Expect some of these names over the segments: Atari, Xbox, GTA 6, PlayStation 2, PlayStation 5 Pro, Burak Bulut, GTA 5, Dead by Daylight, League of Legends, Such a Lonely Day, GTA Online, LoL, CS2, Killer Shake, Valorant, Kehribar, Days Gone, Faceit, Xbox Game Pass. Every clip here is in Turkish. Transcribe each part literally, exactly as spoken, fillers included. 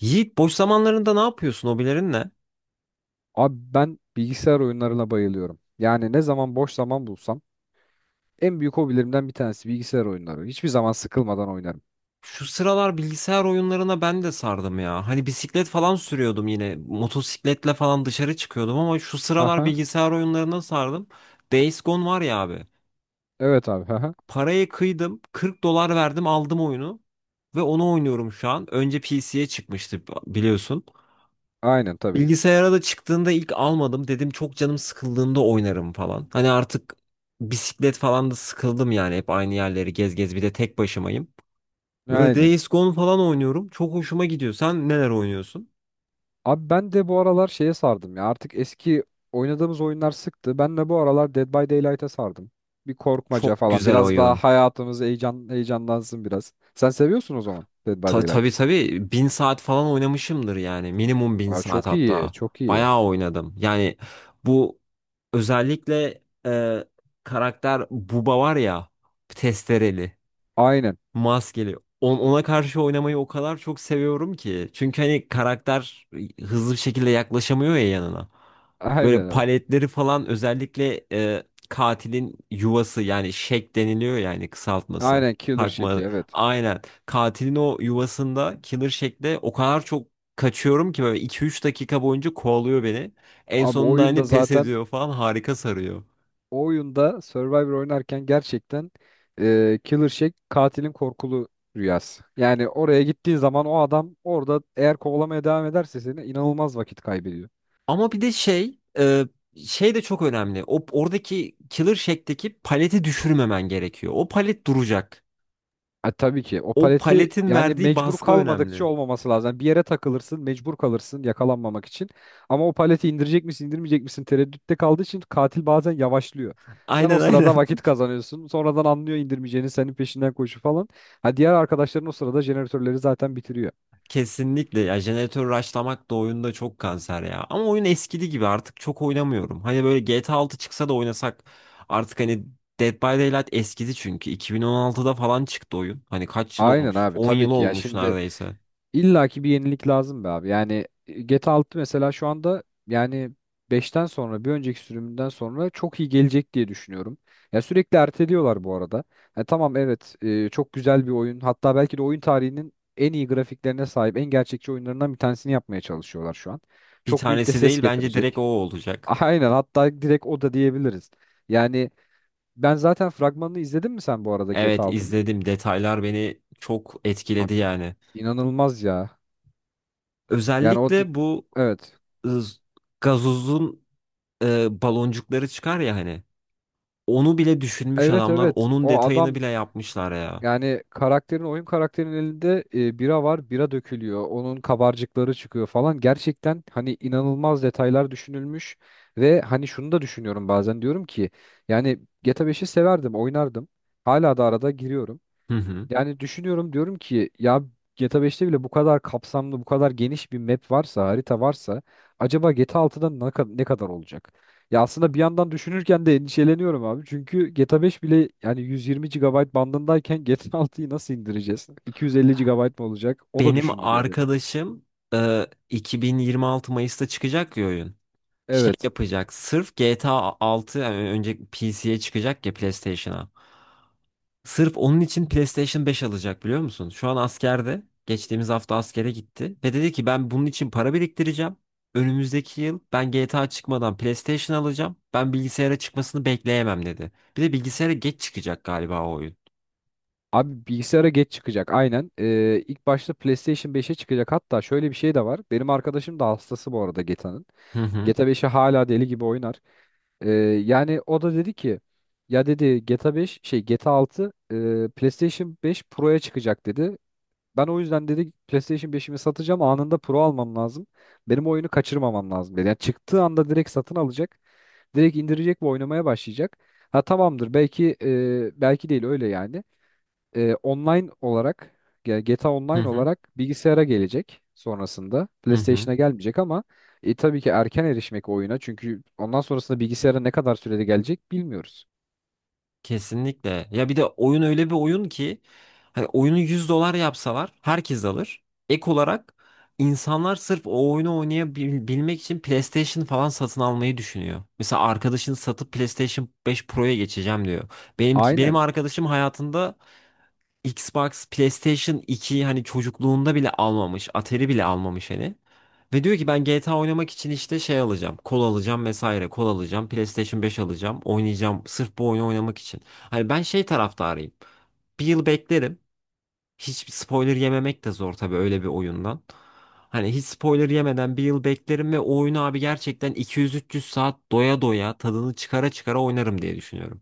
Yiğit, boş zamanlarında ne yapıyorsun? Hobilerin ne? Abi ben bilgisayar oyunlarına bayılıyorum. Yani ne zaman boş zaman bulsam en büyük hobilerimden bir tanesi bilgisayar oyunları. Hiçbir zaman sıkılmadan oynarım. Şu sıralar bilgisayar oyunlarına ben de sardım ya. Hani bisiklet falan sürüyordum yine. Motosikletle falan dışarı çıkıyordum ama şu sıralar Aha. bilgisayar oyunlarına sardım. Days Gone var ya abi. Evet abi. Aha. Parayı kıydım. 40 dolar verdim, aldım oyunu. Ve onu oynuyorum şu an. Önce P C'ye çıkmıştı biliyorsun. Aynen tabii. Bilgisayara da çıktığında ilk almadım. Dedim çok canım sıkıldığında oynarım falan. Hani artık bisiklet falan da sıkıldım yani. Hep aynı yerleri gez gez, bir de tek başımayım. Böyle Aynen. Days Gone falan oynuyorum. Çok hoşuma gidiyor. Sen neler oynuyorsun? Abi ben de bu aralar şeye sardım ya. Artık eski oynadığımız oyunlar sıktı. Ben de bu aralar Dead by Daylight'a sardım. Bir korkmaca Çok falan. güzel Biraz daha oyun. hayatımız heyecan heyecanlansın biraz. Sen seviyorsun o zaman Dead by Ta tabii Daylight'ı. tabii, bin saat falan oynamışımdır yani. Minimum bin Aa, saat çok iyi. hatta. Çok iyi. Bayağı oynadım. Yani bu özellikle e, karakter Bubba var ya, testereli. Aynen. Maskeli. On- Ona karşı oynamayı o kadar çok seviyorum ki. Çünkü hani karakter hızlı bir şekilde yaklaşamıyor ya yanına. Böyle Aynen abi. paletleri falan özellikle e, katilin yuvası, yani şek deniliyor yani kısaltması. Aynen Killer Shake'i, Takma. evet. Aynen. Katilin o yuvasında killer şekle o kadar çok kaçıyorum ki, böyle iki üç dakika boyunca kovalıyor beni. En Abi sonunda oyunda hani pes zaten ediyor falan, harika sarıyor. o oyunda Survivor oynarken gerçekten e, Killer Shake katilin korkulu rüyası. Yani oraya gittiğin zaman o adam orada eğer kovalamaya devam ederse seni inanılmaz vakit kaybediyor. Ama bir de şey e, şey de çok önemli. O oradaki Killer Shack'teki paleti düşürmemen gerekiyor. O palet duracak. Ha, tabii ki o O paleti paletin yani verdiği mecbur baskı kalmadıkça önemli. olmaması lazım. Yani bir yere takılırsın, mecbur kalırsın yakalanmamak için. Ama o paleti indirecek misin, indirmeyecek misin tereddütte kaldığı için katil bazen yavaşlıyor. Sen o Aynen aynen. sırada vakit kazanıyorsun. Sonradan anlıyor indirmeyeceğini, senin peşinden koşu falan. Ha, diğer arkadaşların o sırada jeneratörleri zaten bitiriyor. Kesinlikle ya, jeneratör rushlamak da oyunda çok kanser ya. Ama oyun eskidi gibi artık çok oynamıyorum. Hani böyle G T A altı çıksa da oynasak artık, hani Dead by Daylight eskidi çünkü. iki bin on altıda falan çıktı oyun. Hani kaç yıl Aynen olmuş? abi, On tabii yıl ki ya olmuş şimdi neredeyse. illaki bir yenilik lazım be abi. Yani e, G T A altı mesela şu anda yani beşten sonra bir önceki sürümünden sonra çok iyi gelecek diye düşünüyorum. Ya sürekli erteliyorlar bu arada. Ha tamam, evet, e, çok güzel bir oyun. Hatta belki de oyun tarihinin en iyi grafiklerine sahip en gerçekçi oyunlarından bir tanesini yapmaya çalışıyorlar şu an. Bir Çok büyük de tanesi ses değil, bence direkt getirecek. o olacak. Aynen, hatta direkt o da diyebiliriz. Yani ben zaten fragmanını izledin mi sen bu arada G T A Evet, Altının? izledim. Detaylar beni çok etkiledi Abi, yani. inanılmaz ya. Yani, o di- Özellikle bu evet. ız- gazozun e, baloncukları çıkar ya hani. Onu bile düşünmüş Evet adamlar. evet. Onun O detayını adam, bile yapmışlar ya. yani karakterin oyun karakterinin elinde e, bira var. Bira dökülüyor. Onun kabarcıkları çıkıyor falan. Gerçekten hani inanılmaz detaylar düşünülmüş ve hani şunu da düşünüyorum bazen, diyorum ki yani G T A beşi severdim, oynardım. Hala da arada giriyorum. Hı hı. Yani düşünüyorum, diyorum ki ya G T A beşte bile bu kadar kapsamlı, bu kadar geniş bir map varsa, harita varsa acaba G T A altıda ne kadar, ne kadar olacak? Ya aslında bir yandan düşünürken de endişeleniyorum abi. Çünkü G T A beş bile yani yüz yirmi gigabayt bandındayken G T A altıyı nasıl indireceğiz? iki yüz elli gigabayt mı olacak? O da Benim düşündürüyor beni. arkadaşım e, iki bin yirmi altı Mayıs'ta çıkacak ya oyun. Şey Evet. yapacak. Sırf G T A altı, yani önce P C'ye çıkacak ya, PlayStation'a. Sırf onun için PlayStation beş alacak, biliyor musun? Şu an askerde. Geçtiğimiz hafta askere gitti. Ve dedi ki ben bunun için para biriktireceğim. Önümüzdeki yıl ben G T A çıkmadan PlayStation alacağım. Ben bilgisayara çıkmasını bekleyemem dedi. Bir de bilgisayara geç çıkacak galiba o oyun. Abi bilgisayara geç çıkacak aynen. Ee, ilk başta PlayStation beşe çıkacak. Hatta şöyle bir şey de var. Benim arkadaşım da hastası bu arada G T A'nın. Hı hı. G T A beşi hala deli gibi oynar. Ee, Yani o da dedi ki ya dedi G T A beş şey G T A altı, e, PlayStation beş Pro'ya çıkacak dedi. Ben o yüzden dedi PlayStation beşimi satacağım, anında Pro almam lazım. Benim oyunu kaçırmamam lazım dedi. Yani çıktığı anda direkt satın alacak. Direkt indirecek ve oynamaya başlayacak. Ha tamamdır, belki e, belki değil öyle yani, e, online olarak ge- G T A Hı Online hı. olarak bilgisayara gelecek sonrasında. Hı hı. PlayStation'a gelmeyecek, ama e, tabii ki erken erişmek oyuna, çünkü ondan sonrasında bilgisayara ne kadar sürede gelecek bilmiyoruz. Kesinlikle. Ya bir de oyun öyle bir oyun ki, hani oyunu yüz dolar yapsalar herkes alır. Ek olarak insanlar sırf o oyunu oynayabilmek için PlayStation falan satın almayı düşünüyor. Mesela arkadaşın satıp PlayStation beş Pro'ya geçeceğim diyor. Benimki benim Aynen. arkadaşım hayatında Xbox, PlayStation iki, hani çocukluğunda bile almamış. Atari bile almamış hani. Ve diyor ki ben G T A oynamak için işte şey alacağım. Kol alacağım vesaire. Kol alacağım. PlayStation beş alacağım. Oynayacağım. Sırf bu oyunu oynamak için. Hani ben şey taraftarıyım. Bir yıl beklerim. Hiç spoiler yememek de zor tabii öyle bir oyundan. Hani hiç spoiler yemeden bir yıl beklerim ve o oyunu abi gerçekten iki yüz üç yüz saat doya doya, tadını çıkara çıkara oynarım diye düşünüyorum.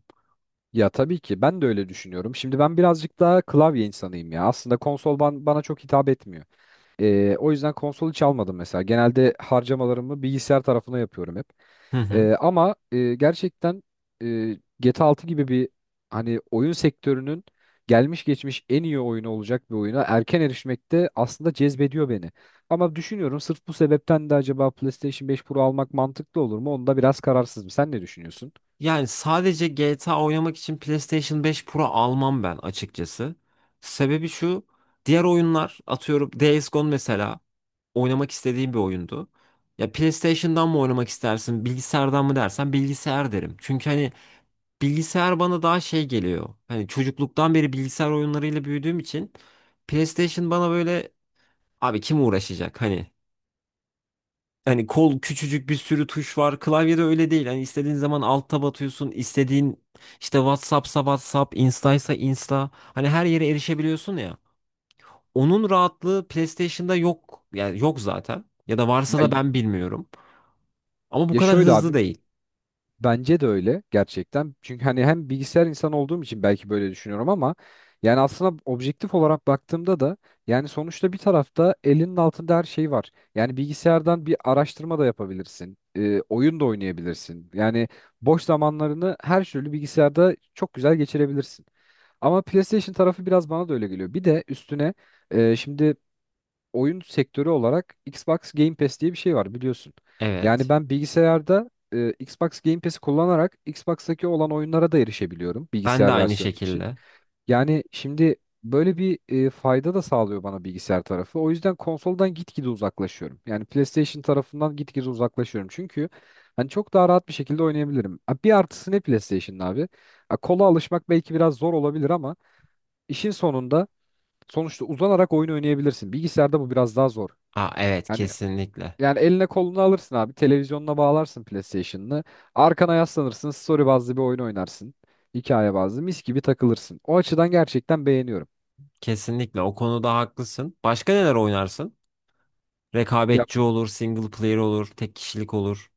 Ya tabii ki ben de öyle düşünüyorum. Şimdi ben birazcık daha klavye insanıyım ya. Aslında konsol ban- bana çok hitap etmiyor. E, o yüzden konsol hiç almadım mesela. Genelde harcamalarımı bilgisayar tarafına yapıyorum hep. Hı hı. Ee, ama e, gerçekten, e, G T A altı gibi bir, hani oyun sektörünün gelmiş geçmiş en iyi oyunu olacak bir oyuna erken erişmek de aslında cezbediyor beni. Ama düşünüyorum sırf bu sebepten de acaba PlayStation beş Pro almak mantıklı olur mu? Onda biraz kararsızım. Sen ne düşünüyorsun? Yani sadece G T A oynamak için PlayStation beş Pro almam ben açıkçası. Sebebi şu, diğer oyunlar, atıyorum Days Gone mesela, oynamak istediğim bir oyundu. Ya PlayStation'dan mı oynamak istersin, bilgisayardan mı dersen, bilgisayar derim. Çünkü hani bilgisayar bana daha şey geliyor. Hani çocukluktan beri bilgisayar oyunlarıyla büyüdüğüm için PlayStation bana böyle, abi kim uğraşacak hani Hani kol küçücük, bir sürü tuş var. Klavyede öyle değil. Hani istediğin zaman alta batıyorsun. İstediğin işte WhatsApp'sa WhatsApp, Insta'ysa Insta. Hani her yere erişebiliyorsun ya. Onun rahatlığı PlayStation'da yok. Yani yok zaten. Ya da varsa Ya, da ben bilmiyorum. Ama bu ya kadar şöyle hızlı abi, değil. bence de öyle gerçekten. Çünkü hani hem bilgisayar insanı olduğum için belki böyle düşünüyorum ama yani aslında objektif olarak baktığımda da yani sonuçta bir tarafta elinin altında her şey var. Yani bilgisayardan bir araştırma da yapabilirsin, e, oyun da oynayabilirsin. Yani boş zamanlarını her türlü bilgisayarda çok güzel geçirebilirsin. Ama PlayStation tarafı biraz bana da öyle geliyor. Bir de üstüne e, şimdi oyun sektörü olarak Xbox Game Pass diye bir şey var biliyorsun. Yani Evet. ben bilgisayarda e, Xbox Game Pass'i kullanarak Xbox'taki olan oyunlara da erişebiliyorum Ben de bilgisayar aynı versiyonu için. şekilde. Yani şimdi böyle bir e, fayda da sağlıyor bana bilgisayar tarafı. O yüzden konsoldan gitgide uzaklaşıyorum. Yani PlayStation tarafından gitgide uzaklaşıyorum. Çünkü hani çok daha rahat bir şekilde oynayabilirim. Ha, bir artısı ne PlayStation'ın abi? Ha, kola alışmak belki biraz zor olabilir ama işin sonunda sonuçta uzanarak oyun oynayabilirsin. Bilgisayarda bu biraz daha zor. Aa, evet, Hani kesinlikle. yani eline kolunu alırsın abi. Televizyonuna bağlarsın PlayStation'ını. Arkana yaslanırsın. Story bazlı bir oyun oynarsın. Hikaye bazlı. Mis gibi takılırsın. O açıdan gerçekten beğeniyorum. Kesinlikle o konuda haklısın. Başka neler oynarsın? Ya, Rekabetçi olur, single player olur, tek kişilik olur.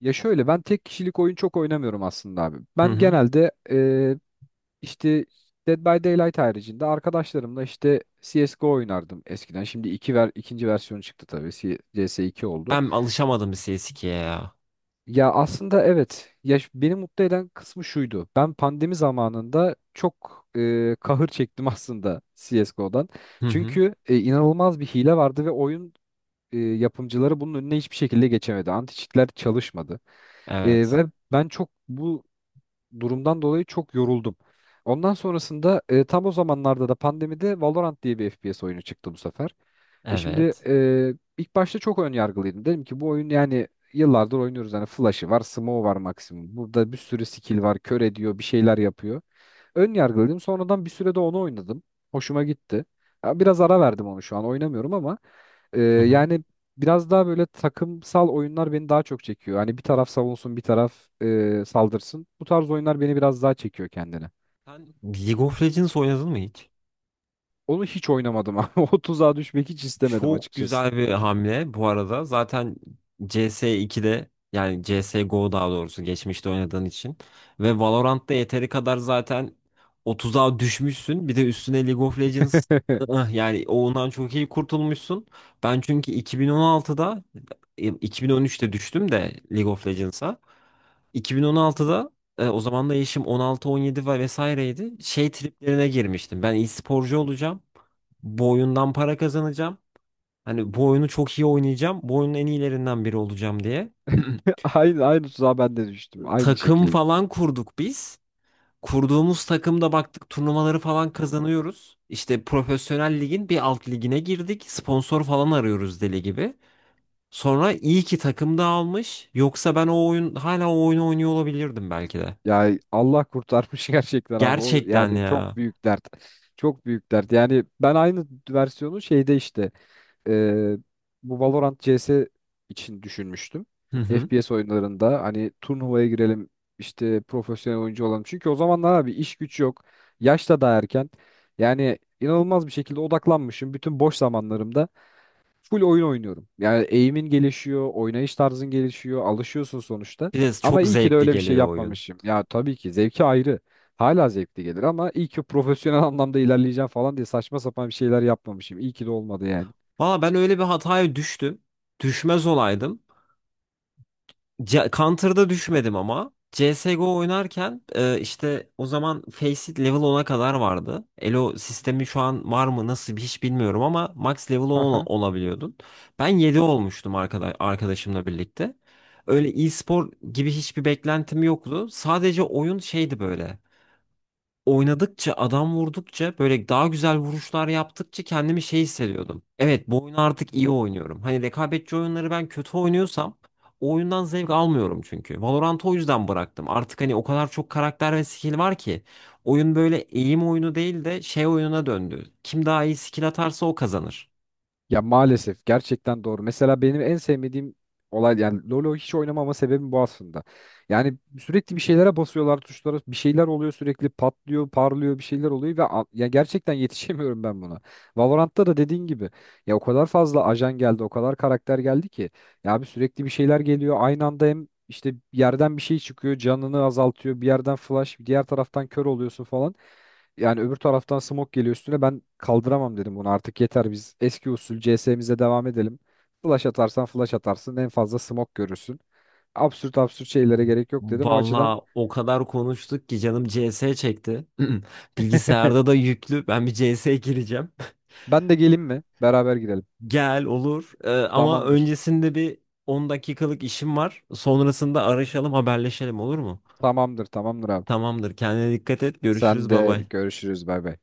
ya şöyle, ben tek kişilik oyun çok oynamıyorum aslında abi. Hı Ben hı. genelde e, işte Dead by Daylight haricinde arkadaşlarımla işte C S G O oynardım eskiden. Şimdi iki ver, ikinci versiyonu çıktı tabii. C S iki oldu. Ben alışamadım C S iki'ye ya. Ya aslında evet. Ya ş- beni mutlu eden kısmı şuydu. Ben pandemi zamanında çok e, kahır çektim aslında C S G O'dan. Hı hı. Çünkü e, inanılmaz bir hile vardı ve oyun e, yapımcıları bunun önüne hiçbir şekilde geçemedi. Anti cheat'ler çalışmadı. E, Evet. Ve ben çok bu durumdan dolayı çok yoruldum. Ondan sonrasında e, tam o zamanlarda da pandemide Valorant diye bir F P S oyunu çıktı bu sefer. E şimdi Evet. e, ilk başta çok ön yargılıydım. Dedim ki bu oyun yani yıllardır oynuyoruz. Hani flash'ı var, smoke'u var maksimum. Burada bir sürü skill var, kör ediyor, bir şeyler yapıyor. Ön yargılıydım. Sonradan bir sürede onu oynadım. Hoşuma gitti. Ya biraz ara verdim, onu şu an oynamıyorum ama e, Hı hı. yani biraz daha böyle takımsal oyunlar beni daha çok çekiyor. Hani bir taraf savunsun, bir taraf e, saldırsın. Bu tarz oyunlar beni biraz daha çekiyor kendine. Sen League of Legends oynadın mı hiç? Onu hiç oynamadım ama o tuzağa düşmek hiç istemedim Çok açıkçası. güzel bir hamle bu arada. Zaten C S iki'de, yani C S G O daha doğrusu, geçmişte oynadığın için ve Valorant'ta yeteri kadar zaten otuza düşmüşsün. Bir de üstüne League of Legends, ıh, yani ondan çok iyi kurtulmuşsun. Ben çünkü iki bin on altıda iki bin on üçte düştüm de League of Legends'a. iki bin on altıda e, o zaman da yaşım on altı on yedi ve vesaireydi. Şey triplerine girmiştim. Ben iyi sporcu olacağım. Bu oyundan para kazanacağım. Hani bu oyunu çok iyi oynayacağım. Bu oyunun en iyilerinden biri olacağım diye. Aynı aynı tuzağa ben de düştüm. Aynı Takım şekilde. falan kurduk biz. Kurduğumuz takımda baktık turnuvaları falan kazanıyoruz. İşte profesyonel ligin bir alt ligine girdik. Sponsor falan arıyoruz deli gibi. Sonra iyi ki takım dağılmış. Yoksa ben o oyun hala o oyunu oynuyor olabilirdim belki de. Ya Allah kurtarmış gerçekten abi. O Gerçekten yani çok ya. büyük dert. Çok büyük dert. Yani ben aynı versiyonu şeyde işte e, bu Valorant C S için düşünmüştüm. Hı hı. F P S oyunlarında hani turnuvaya girelim işte profesyonel oyuncu olalım. Çünkü o zamanlar abi iş güç yok. Yaş da daha erken. Yani inanılmaz bir şekilde odaklanmışım. Bütün boş zamanlarımda full oyun oynuyorum. Yani eğimin gelişiyor, oynayış tarzın gelişiyor, alışıyorsun sonuçta. Bir de Ama çok iyi ki de zevkli öyle bir şey, tabii, geliyor oyun. yapmamışım. Ya tabii ki zevki ayrı. Hala zevkli gelir ama iyi ki profesyonel anlamda ilerleyeceğim falan diye saçma sapan bir şeyler yapmamışım. İyi ki de olmadı yani. Valla ben öyle bir hataya düştüm. Düşmez olaydım. C Counter'da düşmedim ama. C S G O oynarken e, işte o zaman Faceit level ona kadar vardı. Elo sistemi şu an var mı, nasıl bir, hiç bilmiyorum ama max level on ola- olabiliyordun. Ben yedi olmuştum arkada arkadaşımla birlikte. Öyle e-spor gibi hiçbir beklentim yoktu. Sadece oyun şeydi böyle. Oynadıkça, adam vurdukça, böyle daha güzel vuruşlar yaptıkça kendimi şey hissediyordum. Evet, bu oyunu artık iyi oynuyorum. Hani rekabetçi oyunları ben kötü oynuyorsam o oyundan zevk almıyorum çünkü. Valorant'ı o yüzden bıraktım. Artık hani o kadar çok karakter ve skill var ki, oyun böyle eğim oyunu değil de şey oyununa döndü. Kim daha iyi skill atarsa o kazanır. Ya maalesef gerçekten doğru. Mesela benim en sevmediğim olay, yani LoL'ü hiç oynamama sebebim bu aslında. Yani sürekli bir şeylere basıyorlar tuşlara, bir şeyler oluyor sürekli patlıyor parlıyor bir şeyler oluyor ve a- ya gerçekten yetişemiyorum ben buna. Valorant'ta da dediğin gibi ya o kadar fazla ajan geldi o kadar karakter geldi ki ya abi sürekli bir şeyler geliyor aynı anda, hem işte yerden bir şey çıkıyor canını azaltıyor, bir yerden flash diğer taraftan kör oluyorsun falan. Yani öbür taraftan smoke geliyor üstüne. Ben kaldıramam dedim bunu. Artık yeter biz eski usul C S'mize devam edelim. Flash atarsan flash atarsın. En fazla smoke görürsün. Absürt absürt şeylere gerek yok dedim. O açıdan Vallahi o kadar konuştuk ki canım C S çekti. Bilgisayarda da yüklü. Ben bir C S gireceğim. ben de geleyim mi? Beraber girelim. Gel olur. Ee, ama Tamamdır. öncesinde bir on dakikalık işim var. Sonrasında araşalım, haberleşelim, olur mu? Tamamdır, tamamdır abi. Tamamdır. Kendine dikkat et. Sen Görüşürüz. Bay de bay. görüşürüz. Bay bay.